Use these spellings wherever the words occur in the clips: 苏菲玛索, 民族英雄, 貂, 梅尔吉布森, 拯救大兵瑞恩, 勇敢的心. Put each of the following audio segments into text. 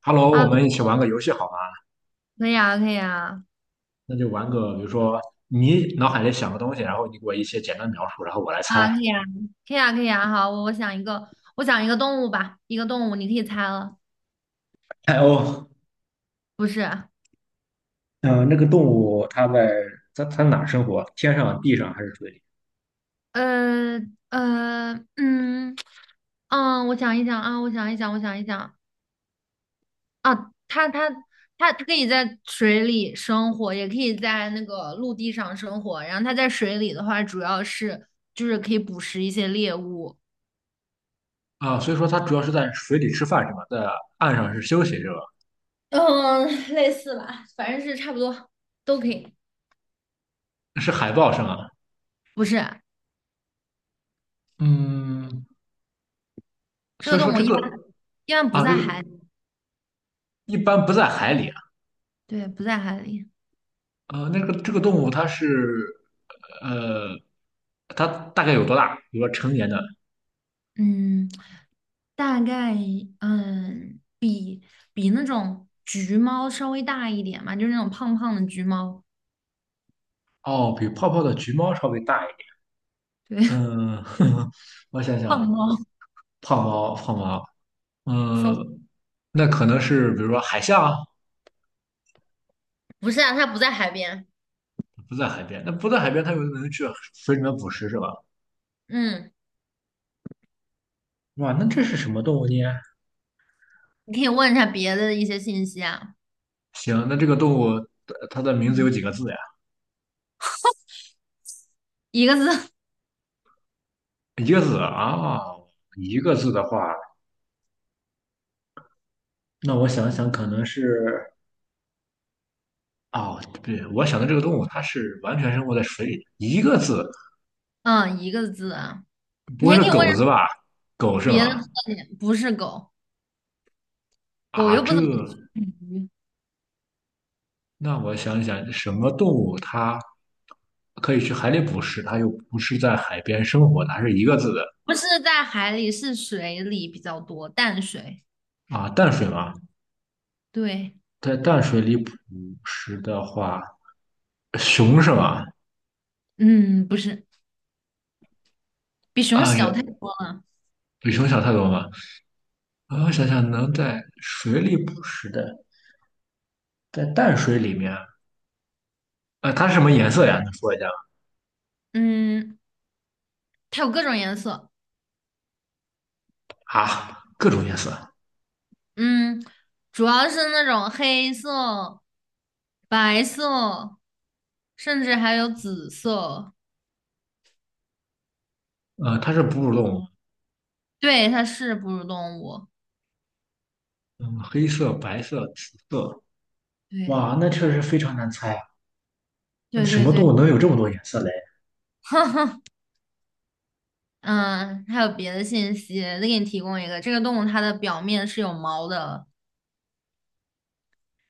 Hello，啊，我们一起玩个游戏好吗？可以啊，可以啊，那就玩个，比如说你脑海里想个东西，然后你给我一些简单描述，然后我来猜。啊，可以啊，可以啊，可以啊。好，我想一个，我想一个动物吧，一个动物，你可以猜了，哎哦，不是？嗯，那个动物它在它哪儿生活？天上、地上还是水里？呃呃，嗯我想一想啊，我想一想，我想一想啊，它它可以在水里生活，也可以在那个陆地上生活。然后它在水里的话，主要是就是可以捕食一些猎物。啊，所以说它主要是在水里吃饭是吧？在岸上是休息是吧？嗯，类似吧，反正是差不多都可以，是海豹是吗？不是？嗯，这所个以说动物这一般个一般不啊，这在个海里，一般不在海里啊。对，不在海里。那个这个动物它是呃，它大概有多大？比如说成年的嗯，大概嗯比比那种橘猫稍微大一点嘛，就是那种胖胖的橘猫，哦，比泡泡的橘猫稍微大一点。对。嗯，我想想胖啊，猫。胖猫，胖猫，嗯，小，那可能是比如说海象啊，不是啊，它不在海边。不在海边，那不在海边，它有可能去水里面捕食，是吧？嗯，哇，那这是什么动物呢？你可以问一下别的一些信息啊。行，那这个动物它的名字有嗯，几个字呀？一个字。一个字啊，一个字的话，那我想想，可能是哦，不对，我想的这个动物它是完全生活在水里的，一个字，嗯，一个字啊。不你会还是可以问一下狗子吧？狗是别的吗？特点，不是狗，狗啊，又不这。怎么吃鱼，那我想想，什么动物它可以去海里捕食，它又不是在海边生活的，还是一个字的不是在海里，是水里比较多，淡水。啊？淡水吗？对。在淡水里捕食的话，熊是吗？嗯，不是，比熊啊呀，小太多了。比熊小太多了。啊，我想想，能在水里捕食的，在淡水里面，它是什么颜色呀？你说一下嗯，它有各种颜色。啊，各种颜色。嗯，主要是那种黑色、白色，甚至还有紫色。它是哺乳动物，对，它是哺乳动物。嗯，黑色、白色、紫色。对，哇，那确实非常难猜。啊。那对什对么动对。物能有这么多颜色嘞？嗯，还有别的信息，再给你提供一个，这个动物它的表面是有毛的。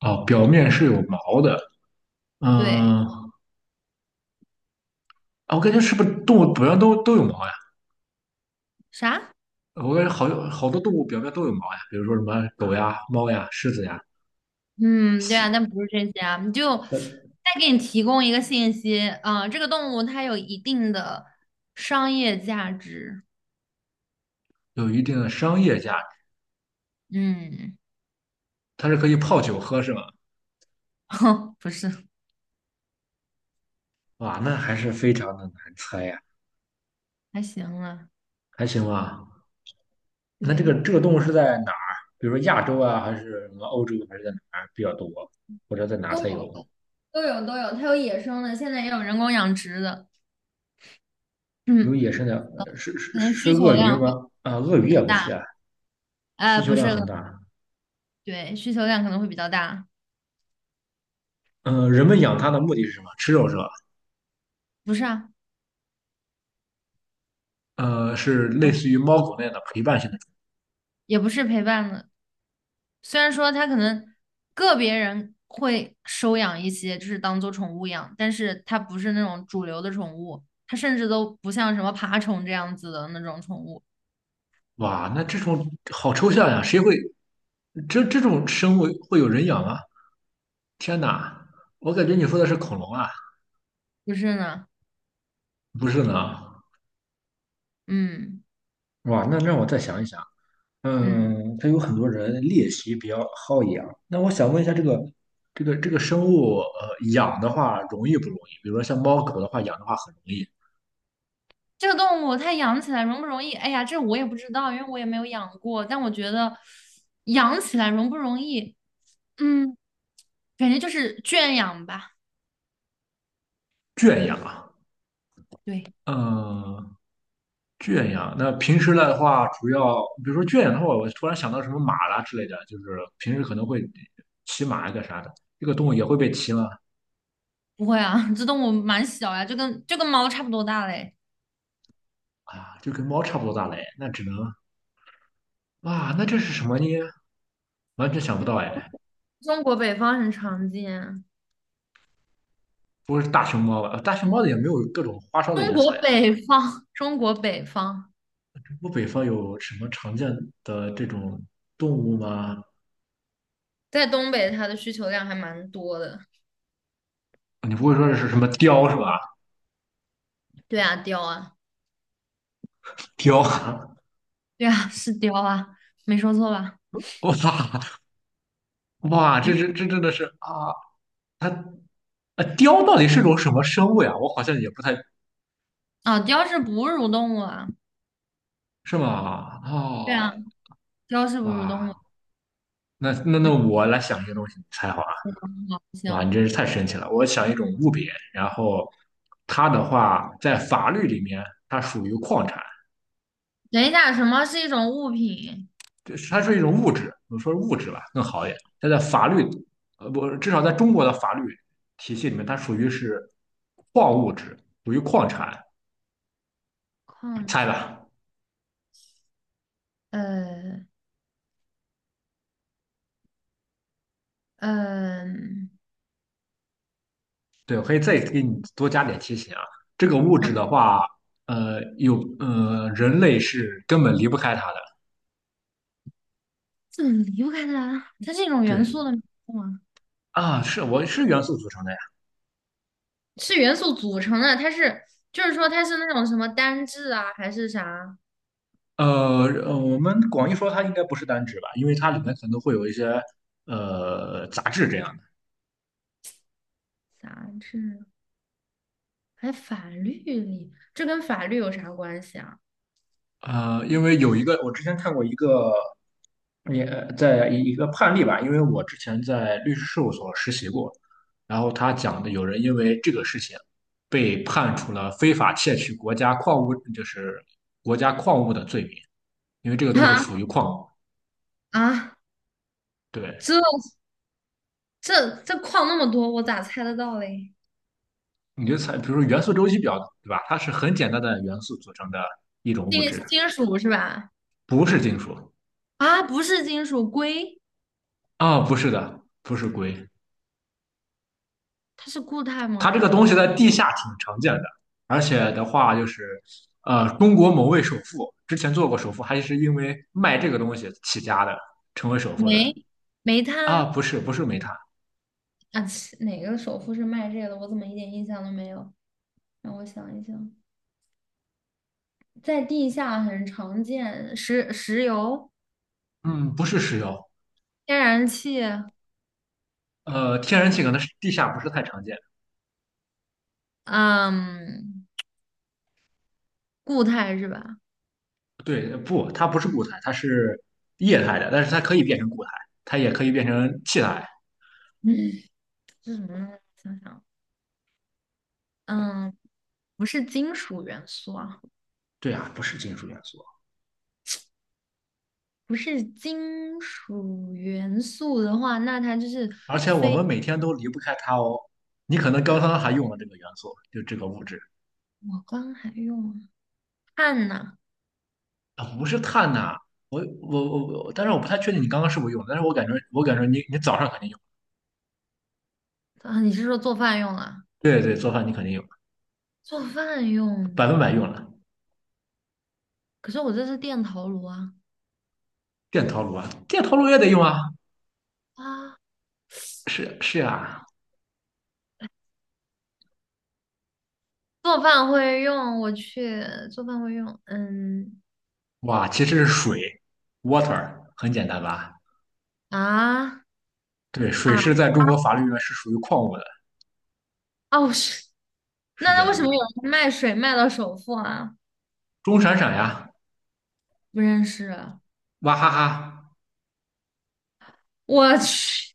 啊哦，表面是有毛的，对，嗯，啊我感觉是不是动物表面都有毛呀？啥？我感觉好有好多动物表面都有毛呀，比如说什么狗呀、猫呀、狮子呀，嗯，对啊，但不是这些啊，你就再给你提供一个信息，啊、这个动物它有一定的商业价值。有一定的商业价值，嗯。它是可以泡酒喝是吗？哼，不是，哇，那还是非常的难猜呀，还行啊，还行吧？那这个对，这个动物是在哪儿？比如说亚洲啊，还是什么欧洲，还是在哪儿比较多？或者在哪都才有，有？都有，都有，它有野生的，现在也有人工养殖的。有嗯，野生的，是是可能是需求鳄鱼量会吗？啊，鳄比鱼也较不大，是啊，哎、需求不是，量很大。对，需求量可能会比较大，人们养它的目的是什么？吃肉是吧？不是啊，呃，是类似于猫狗那样的陪伴性的。也不是陪伴的，虽然说它可能个别人会收养一些，就是当做宠物养，但是它不是那种主流的宠物，它甚至都不像什么爬虫这样子的那种宠物，哇，那这种好抽象呀，谁会这这种生物会有人养啊？天哪，我感觉你说的是恐龙啊，不是呢？不是呢？嗯哇，那让我再想一想。嗯，嗯，它有很多人猎奇比较好养。那我想问一下，这个生物，养的话容易不容易？比如说像猫狗的话，养的话很容易这个动物它养起来容不容易？哎呀，这我也不知道，因为我也没有养过，但我觉得养起来容不容易？嗯，感觉就是圈养吧。圈养啊。对，嗯、圈养，那平时的话，主要比如说圈养的话，我突然想到什么马啦之类的，就是平时可能会骑马一个啥的，这个动物也会被骑吗？不会啊。这动物蛮小呀，就跟猫差不多大嘞。啊，就跟猫差不多大嘞，那只能啊，那这是什么呢？完全想不到哎，中国北方很常见。不会是大熊猫吧？呃大熊猫的也没有各种花哨的中颜色国呀。北方，中国北方，我北方有什么常见的这种动物吗？在东北它的需求量还蛮多的。你不会说是什么雕是吧？对啊，貂啊，雕，对啊，是貂啊，没说错吧？哇哇，这嗯，这这真的是啊，它啊，雕到底是种什么生物呀？我好像也不太啊，貂是哺乳动物啊。是吗？对啊，哦，貂是哺乳动哇，物。那嗯，我来想一个东西你猜好了。好，哇，你行。真是太神奇了！我想一种物品，然后它的话在法律里面它属于矿产，等一下，什么是一种物品？就是它是一种物质，我说物质吧更好一点。它在法律，呃，不，至少在中国的法律体系里面，它属于是矿物质，属于矿产。矿猜产，吧，呃，呃，对，我可以再给你多加点提醒啊。这个物啊，质的话，人类是根本离不开它的。怎么离不开它？它是一种元对素的名字吗？啊，是我是元素组成的呀。是元素组成的，它是，就是说它是那种什么单质啊，还是啥呃，我们广义说它应该不是单质吧，因为它里面可能会有一些杂质这样的。杂质？还法律里，这跟法律有啥关系啊？呃，因为有一个我之前看过一个也在一个判例吧，因为我之前在律师事务所实习过，然后他讲的有人因为这个事情被判处了非法窃取国家矿物，就是国家矿物的罪名，因为这个东西啊属于矿物啊，对，这这这矿那么多，我咋猜得到嘞？你就猜，比如说元素周期表，对吧？它是很简单的元素组成的一种物金质，金属是吧？不是金属啊，不是金属，硅，不是的，不是硅。它是固态它吗？这个东西在地下挺常见的，而且的话就是，呃，中国某位首富之前做过首富，还是因为卖这个东西起家的，成为首富的煤，煤炭不是，不是煤炭，啊，切哪个首富是卖这个的？我怎么一点印象都没有？让我想一想，在地下很常见，石油、嗯，不是石油，天然气。呃，天然气可能是地下不是太常见。嗯，固态是吧？对，不，它不是固态，它是液态的，但是它可以变成固态，它也可以变成气态。嗯，这什么呢？想想。嗯，不是金属元素啊，对啊，不是金属元素，不是金属元素的话，那它就是而且我们每天都离不开它哦。你可能刚刚还用了这个元素，就这个物质我刚还用啊碳呐。不是碳呐、我，但是我不太确定你刚刚是不是用，但是我感觉你早上肯定用，啊，你是说做饭用啊？对对，做饭你肯定用，做饭用百的，分百用了。可是我这是电陶炉啊。电陶炉啊，电陶炉也得用啊，啊，是是啊，做饭会用，我去做饭会用。嗯哇，其实是水，water，很简单吧？啊对，水啊是在中国法律里面是属于矿物的，哦是，是那这那为样什么的。有人卖水卖到首付啊？钟闪闪呀，不认识啊，娃哈哈，我去，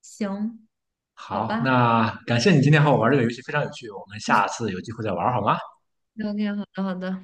行，好好，吧那感谢你今天和我玩这个游戏，非常有趣，我们下次有机会再玩好吗？，OK，好的好的。